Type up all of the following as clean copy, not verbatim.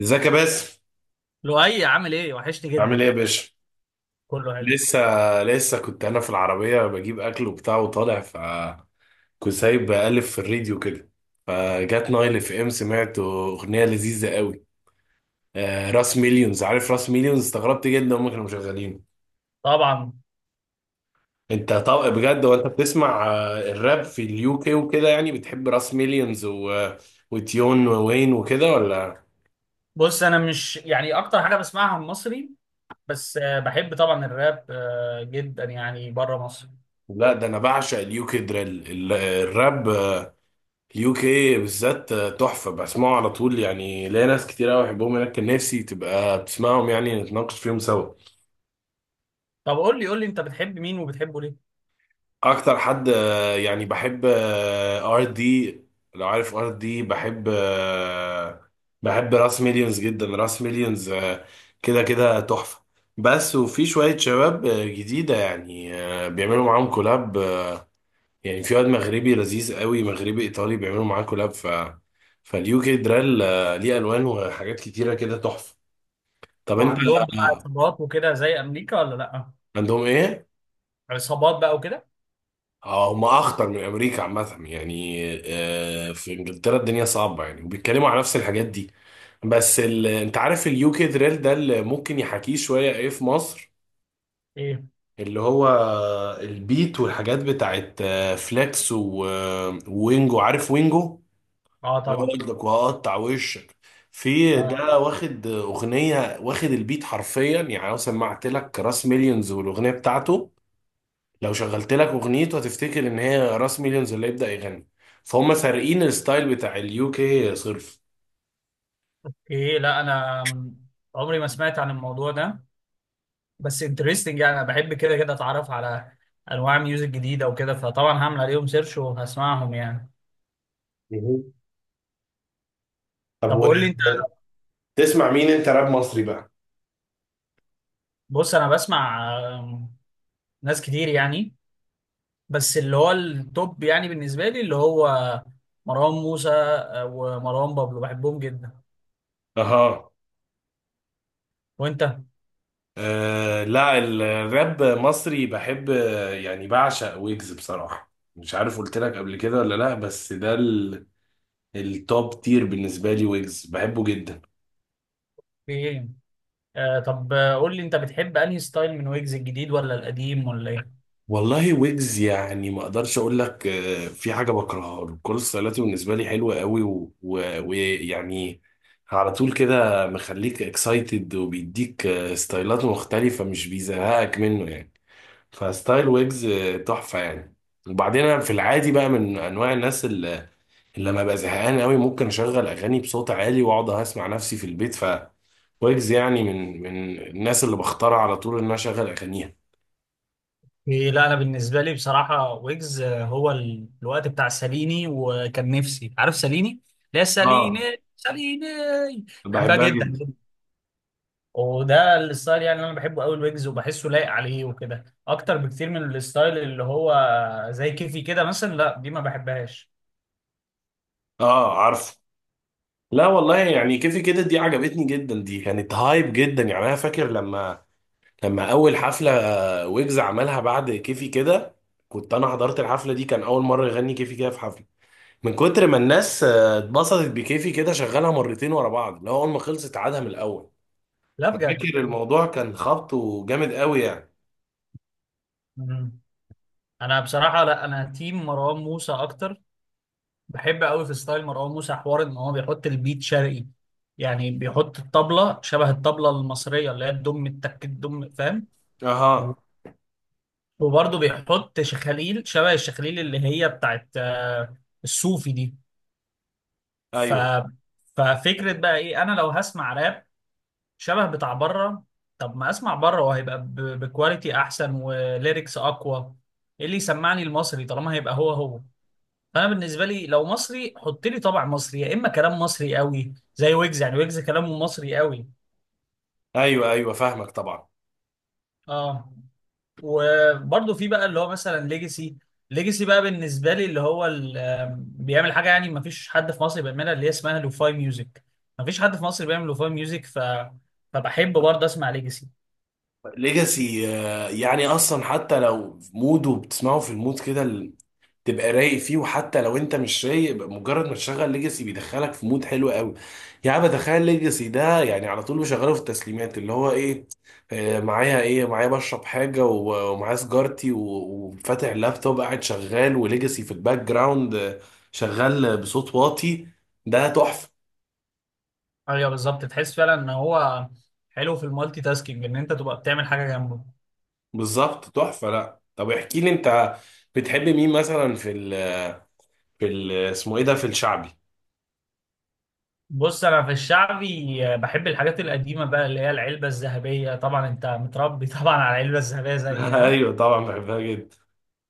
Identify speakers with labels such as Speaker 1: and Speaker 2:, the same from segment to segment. Speaker 1: ازيك يا باسم.
Speaker 2: لؤي عامل ايه؟ وحشني
Speaker 1: عامل
Speaker 2: جدا.
Speaker 1: ايه يا باشا.
Speaker 2: كله حلو
Speaker 1: لسه لسه كنت انا في العربيه بجيب اكل وبتاع وطالع. كنت سايب بقلب في الراديو كده. فجات نايل اف ام سمعت اغنيه لذيذه قوي. آه، راس مليونز، عارف راس مليونز؟ استغربت جدا هم كانوا مشغلينه.
Speaker 2: طبعا.
Speaker 1: انت طب بجد وانت بتسمع الراب في اليو كي وكده يعني بتحب راس مليونز وتيون ووين وكده ولا؟
Speaker 2: بص، انا مش يعني اكتر حاجه بسمعها مصري، بس بحب طبعا الراب، جدا، يعني بره مصر.
Speaker 1: لا، ده انا بعشق اليو كي دريل الراب. يو كي بالذات تحفة، بسمعه على طول. يعني ليا ناس كتير قوي بحبهم هناك، كان نفسي تبقى بتسمعهم يعني نتناقش فيهم سوا.
Speaker 2: طب قول لي، انت بتحب مين وبتحبه ليه؟
Speaker 1: أكتر حد يعني بحب ار دي. لو عارف ار دي، بحب بحب راس مليونز جدا. راس مليونز كده كده تحفة. بس وفي شوية شباب جديدة، يعني بيعملوا معاهم كولاب. يعني في واد مغربي لذيذ قوي، مغربي ايطالي، بيعملوا معاه كولاب. فاليو كي درال ليه الوان وحاجات كتيره كده تحفه. طب انت.
Speaker 2: وعندهم بقى
Speaker 1: آه،
Speaker 2: عصابات وكده زي امريكا ولا لا؟
Speaker 1: عندهم ايه؟
Speaker 2: عصابات بقى وكده.
Speaker 1: هم اخطر من امريكا عامه، يعني في انجلترا الدنيا صعبه يعني، وبيتكلموا على نفس الحاجات دي. انت عارف اليو كي درال ده اللي ممكن يحاكيه شويه ايه في مصر؟
Speaker 2: ايه؟
Speaker 1: اللي هو البيت والحاجات بتاعت فليكس وينجو. عارف وينجو؟
Speaker 2: اه طبعا.
Speaker 1: يقعدك وهقطع وشك. في
Speaker 2: اه.
Speaker 1: ده واخد اغنيه واخد البيت حرفيا. يعني لو سمعت لك راس مليونز والاغنيه بتاعته، لو شغلت لك اغنيته هتفتكر ان هي راس مليونز اللي يبدا يغني. فهم سارقين الستايل بتاع اليو كي صرف.
Speaker 2: ايه، لا انا م- عمري ما سمعت عن الموضوع ده، بس انترستنج. يعني انا بحب كده كده اتعرف على انواع ميوزك جديده وكده، فطبعا هعمل عليهم سيرش وهسمعهم يعني.
Speaker 1: مهم. طب
Speaker 2: طب
Speaker 1: و...
Speaker 2: قول لي،
Speaker 1: تسمع مين انت راب مصري بقى؟
Speaker 2: بص انا بسمع ناس كتير يعني، بس اللي هو التوب يعني بالنسبه لي اللي هو مروان موسى، ومروان بابلو، بحبهم جدا.
Speaker 1: اها.
Speaker 2: وانت؟
Speaker 1: أه، لا الراب مصري بحب يعني بعشق ويجز بصراحة. مش عارف قلت لك قبل كده ولا لا، بس ده التوب تير بالنسبة لي. ويجز بحبه جدا.
Speaker 2: في ايه؟ آه، طب، قول لي انت بتحب انهي ستايل من ويجز، الجديد ولا القديم ولا ايه؟
Speaker 1: والله ويجز يعني ما اقدرش اقول لك في حاجة بكرهها له. كل ستايلاته بالنسبة لي حلوة قوي، ويعني على طول كده مخليك اكسايتد، وبيديك ستايلات مختلفة، مش بيزهقك منه يعني. فستايل ويجز تحفة يعني. وبعدين انا في العادي بقى من انواع الناس، لما ابقى زهقان قوي ممكن اشغل اغاني بصوت عالي واقعد اسمع نفسي في البيت. ويجز يعني من الناس اللي بختار على طول ان انا اشغل اغانيها.
Speaker 2: إيه، لا انا بالنسبه لي بصراحه ويجز، هو الوقت بتاع ساليني، وكان نفسي، عارف ساليني؟ لا، ساليني.
Speaker 1: اه،
Speaker 2: ساليني، بحبها
Speaker 1: بحبها
Speaker 2: جدا.
Speaker 1: جدا.
Speaker 2: وده الستايل يعني اللي انا بحبه قوي، الويجز، وبحسه لايق عليه وكده اكتر بكتير من الستايل اللي هو زي كيفي كده مثلا، لا دي ما بحبهاش.
Speaker 1: اه، عارف. لا والله، يعني كيفي كده دي عجبتني جدا، دي كانت هايب جدا يعني. انا فاكر لما اول حفله ويجز عملها بعد كيفي كده، كنت انا حضرت الحفله دي. كان اول مره يغني كيفي كده في حفله، من كتر ما الناس اتبسطت بكيفي كده شغلها مرتين ورا بعض، اللي هو اول ما خلصت عادها من الاول.
Speaker 2: لا بجد.
Speaker 1: فاكر الموضوع كان خبطه جامد قوي يعني.
Speaker 2: مم. انا بصراحه، لا انا تيم مروان موسى اكتر. بحب قوي في ستايل مروان موسى حوار ان هو بيحط البيت شرقي، يعني بيحط الطبله شبه الطبله المصريه اللي هي الدم التك الدم، فاهم؟ و-
Speaker 1: اها.
Speaker 2: وبرضه بيحط شخاليل شبه الشخاليل اللي هي بتاعت الصوفي دي. ف
Speaker 1: ايوه،
Speaker 2: ففكره بقى ايه؟ انا لو هسمع راب شبه بتاع بره، طب ما اسمع بره، وهيبقى بكواليتي احسن وليركس اقوى. ايه اللي يسمعني المصري طالما هيبقى هو هو؟ فانا بالنسبه لي لو مصري، حط لي طبع مصري، يا اما كلام مصري قوي زي ويجز، يعني ويجز كلامه مصري قوي.
Speaker 1: ايوه، ايوه، فاهمك طبعا.
Speaker 2: اه. وبرضه في بقى اللي هو مثلا ليجاسي. ليجاسي بقى بالنسبه لي اللي هو بيعمل حاجه يعني ما فيش حد في مصر بيعملها، اللي هي اسمها لوفاي ميوزك. ما فيش حد في مصر بيعمل لوفاي ميوزك. فبحب برضه اسمع ليجاسي.
Speaker 1: ليجاسي. يعني اصلا حتى لو في مود وبتسمعه في المود كده، تبقى رايق فيه. وحتى لو انت مش رايق، يبقى مجرد ما تشغل ليجاسي بيدخلك في مود حلو قوي. يعني بتخيل ليجاسي ده يعني على طول بشغله في التسليمات، اللي هو ايه، معايا ايه، معايا بشرب حاجه ومعايا سيجارتي وفاتح اللابتوب قاعد شغال، وليجاسي في الباك جراوند شغال بصوت واطي. ده تحفه.
Speaker 2: ايوه بالظبط، تحس فعلا ان هو حلو في المالتي تاسكينج، ان انت تبقى بتعمل حاجه جنبه.
Speaker 1: بالظبط تحفه. لا طب احكي لي انت، بتحب مين مثلا في ال... في ال... اسمه ايه ده، في الشعبي؟
Speaker 2: بص انا في الشعبي، بحب الحاجات القديمه بقى اللي هي العلبه الذهبيه. طبعا انت متربي طبعا على العلبه الذهبيه زي ها.
Speaker 1: ايوه طبعا بحبها جدا.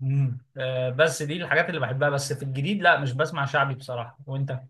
Speaker 2: بس دي الحاجات اللي بحبها. بس في الجديد لا، مش بسمع شعبي بصراحه. وانت؟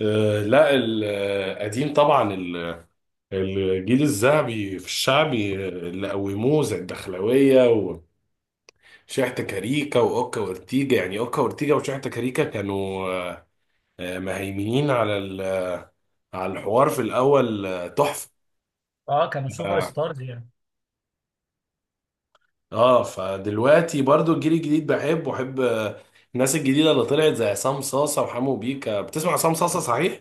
Speaker 1: لا القديم طبعا، الجيل الذهبي في الشعبي اللي قوموه زي الدخلاوية وشحتة كاريكا وأوكا وأورتيجا. يعني أوكا وأورتيجا وشحتة كاريكا كانوا مهيمنين على على الحوار في الأول تحفة.
Speaker 2: اه، كانوا سوبر
Speaker 1: اه.
Speaker 2: ستارز يعني.
Speaker 1: فدلوقتي برضو الجيل الجديد بحب، وأحب الناس الجديدة اللي طلعت زي عصام صاصة وحمو بيكا. بتسمع عصام صاصة صحيح؟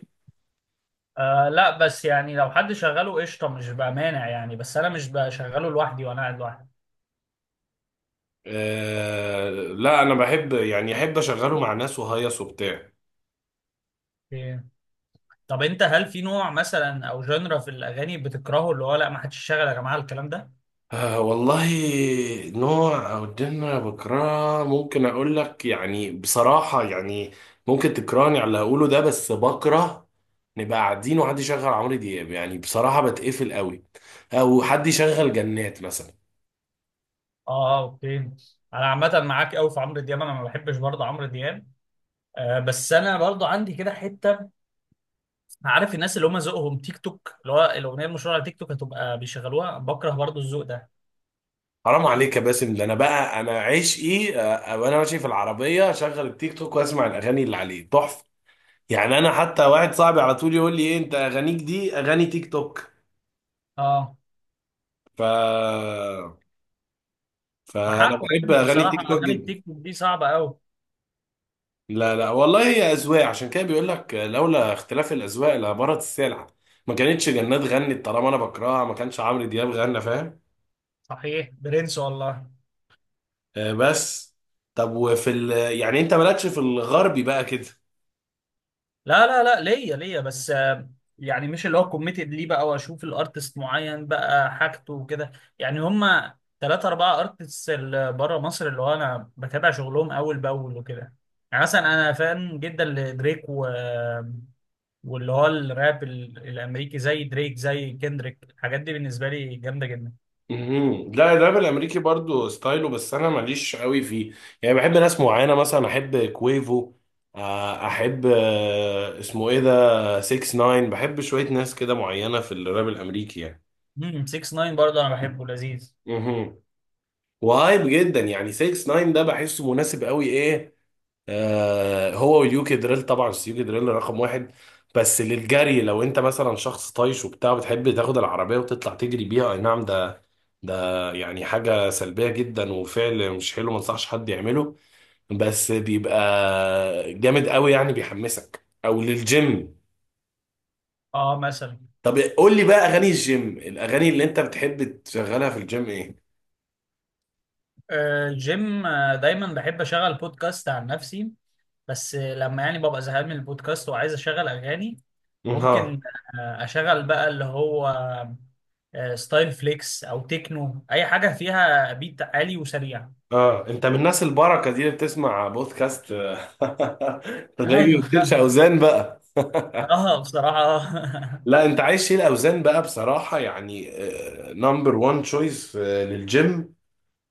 Speaker 2: آه لا، بس يعني لو حد شغله قشطه، مش بقى مانع يعني، بس انا مش بشغله لوحدي وانا قاعد لوحدي.
Speaker 1: آه لا، أنا بحب يعني أحب أشغله مع ناس وهيص وبتاع.
Speaker 2: إيه. طب انت هل في نوع مثلا او جنرا في الاغاني بتكرهه، اللي هو لا ما حدش يشغل يا جماعه الكلام ده؟
Speaker 1: آه والله، نوع أو جنة بكرهها ممكن أقول لك يعني بصراحة. يعني ممكن تكرهني على اللي هقوله ده، بس بكره نبقى قاعدين وحد يشغل عمرو دياب، يعني بصراحة بتقفل قوي. أو حد يشغل جنات مثلا.
Speaker 2: اه، اوكي. انا عامه معاك قوي في عمرو دياب، انا ما بحبش برضه عمرو دياب. آه بس انا برضه عندي كده حته. عارف الناس اللي هم ذوقهم تيك توك، اللي هو الاغنيه المشهوره على تيك توك هتبقى بيشغلوها؟ بكره برضه الذوق ده.
Speaker 1: حرام عليك يا باسم، ده أنا بقى أنا عشقي. وأنا ماشي في العربية أشغل التيك توك وأسمع الأغاني اللي عليه تحفة. يعني أنا حتى واحد صاحبي على طول يقول لي إيه أنت أغانيك دي أغاني تيك توك.
Speaker 2: اه،
Speaker 1: ف فأنا
Speaker 2: بحقه
Speaker 1: بحب
Speaker 2: يعني
Speaker 1: أغاني
Speaker 2: بصراحه
Speaker 1: تيك توك
Speaker 2: اغاني
Speaker 1: جدا.
Speaker 2: التيك توك دي صعبه قوي.
Speaker 1: لا لا والله، هي أذواق. عشان كده بيقول لك لولا اختلاف الأذواق لبارت السلع. ما كانتش جنات غنت طالما أنا بكرهها، ما كانش عمرو دياب غنى، فاهم.
Speaker 2: صحيح برنس والله.
Speaker 1: آه بس. طب وفي ال... يعني أنت مالكش في الغربي بقى كده؟
Speaker 2: لا، ليا، بس يعني مش اللي هو كوميتد ليه بقى واشوف الارتست معين بقى حاجته وكده. يعني هما ثلاثة أربعة ارتست اللي بره مصر اللي هو أنا بتابع شغلهم أول بأول وكده. يعني مثلا أنا فان جدا لدريك واللي هو الراب الأمريكي زي دريك زي كندريك، الحاجات دي بالنسبة لي جامدة جدا.
Speaker 1: مهم. لا الراب الأمريكي برضو ستايله بس أنا ماليش قوي فيه. يعني بحب ناس معينة، مثلا أحب كويفو، أحب اسمه إيه ده، 6 9. بحب شوية ناس كده معينة في الراب الأمريكي يعني.
Speaker 2: 6ix9ine برضه أنا بحبه، لذيذ.
Speaker 1: مهم. وهايب جدا يعني، 6 9 ده بحسه مناسب قوي ايه. آه هو واليوكي دريل طبعا، بس اليوكي دريل رقم واحد. بس للجري، لو انت مثلا شخص طايش وبتاع بتحب تاخد العربية وتطلع تجري بيها، اي نعم، ده يعني حاجة سلبية جدا وفعل مش حلو، ما انصحش حد يعمله. بس بيبقى جامد قوي يعني، بيحمسك، او للجيم.
Speaker 2: اه مثلا.
Speaker 1: طب قول لي بقى اغاني الجيم، الاغاني اللي انت بتحب تشغلها في الجيم ايه؟
Speaker 2: جيم، دايما بحب أشغل بودكاست عن نفسي، بس لما يعني ببقى زهقان من البودكاست وعايز اشغل اغاني، ممكن
Speaker 1: ها.
Speaker 2: اشغل بقى اللي هو ستايل فليكس او تكنو، اي حاجه فيها بيت عالي وسريع.
Speaker 1: اه انت من الناس البركه دي اللي بتسمع بودكاست. تلاقي
Speaker 2: ايوه.
Speaker 1: بتشيلش اوزان بقى.
Speaker 2: اه بصراحه آه.
Speaker 1: لا انت عايز شيل اوزان بقى بصراحه يعني، نمبر 1 تشويس للجيم.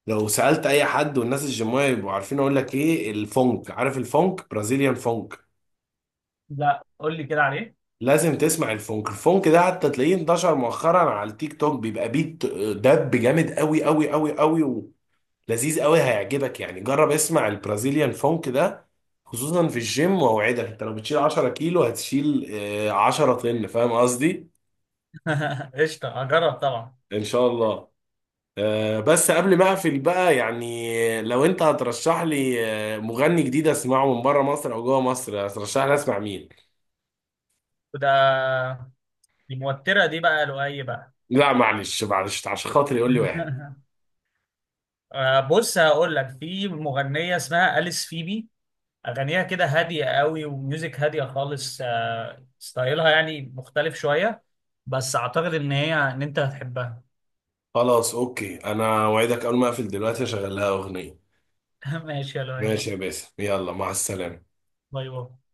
Speaker 1: لو سالت اي حد والناس الجيمويه يبقوا عارفين، اقول لك ايه الفونك. عارف الفونك؟ برازيليان فونك.
Speaker 2: لا قول لي كده عليه.
Speaker 1: لازم تسمع الفونك. الفونك ده حتى تلاقيه انتشر مؤخرا على التيك توك، بيبقى بيت دب جامد قوي قوي قوي قوي. لذيذ قوي هيعجبك يعني. جرب اسمع البرازيليان فونك ده خصوصا في الجيم، واوعدك انت لو بتشيل 10 كيلو هتشيل 10 طن، فاهم قصدي.
Speaker 2: قشطه، هجرب طبعا.
Speaker 1: ان شاء الله. بس قبل ما اقفل بقى يعني، لو انت هترشح لي مغني جديد اسمعه من بره مصر او جوه مصر، هترشح لي اسمع مين؟
Speaker 2: وده دي موتره دي بقى لؤي بقى.
Speaker 1: لا معلش معلش، عشان خاطري يقول لي واحد.
Speaker 2: بص هقول لك، في مغنيه اسمها أليس فيبي، اغانيها كده هاديه قوي وميوزك هاديه خالص. ستايلها يعني مختلف شويه، بس اعتقد ان انت هتحبها.
Speaker 1: خلاص اوكي، انا اوعدك اول ما اقفل دلوقتي اشغل لها اغنية.
Speaker 2: ماشي يا لؤي.
Speaker 1: ماشي يا باسم، يلا مع السلامة.
Speaker 2: باي باي.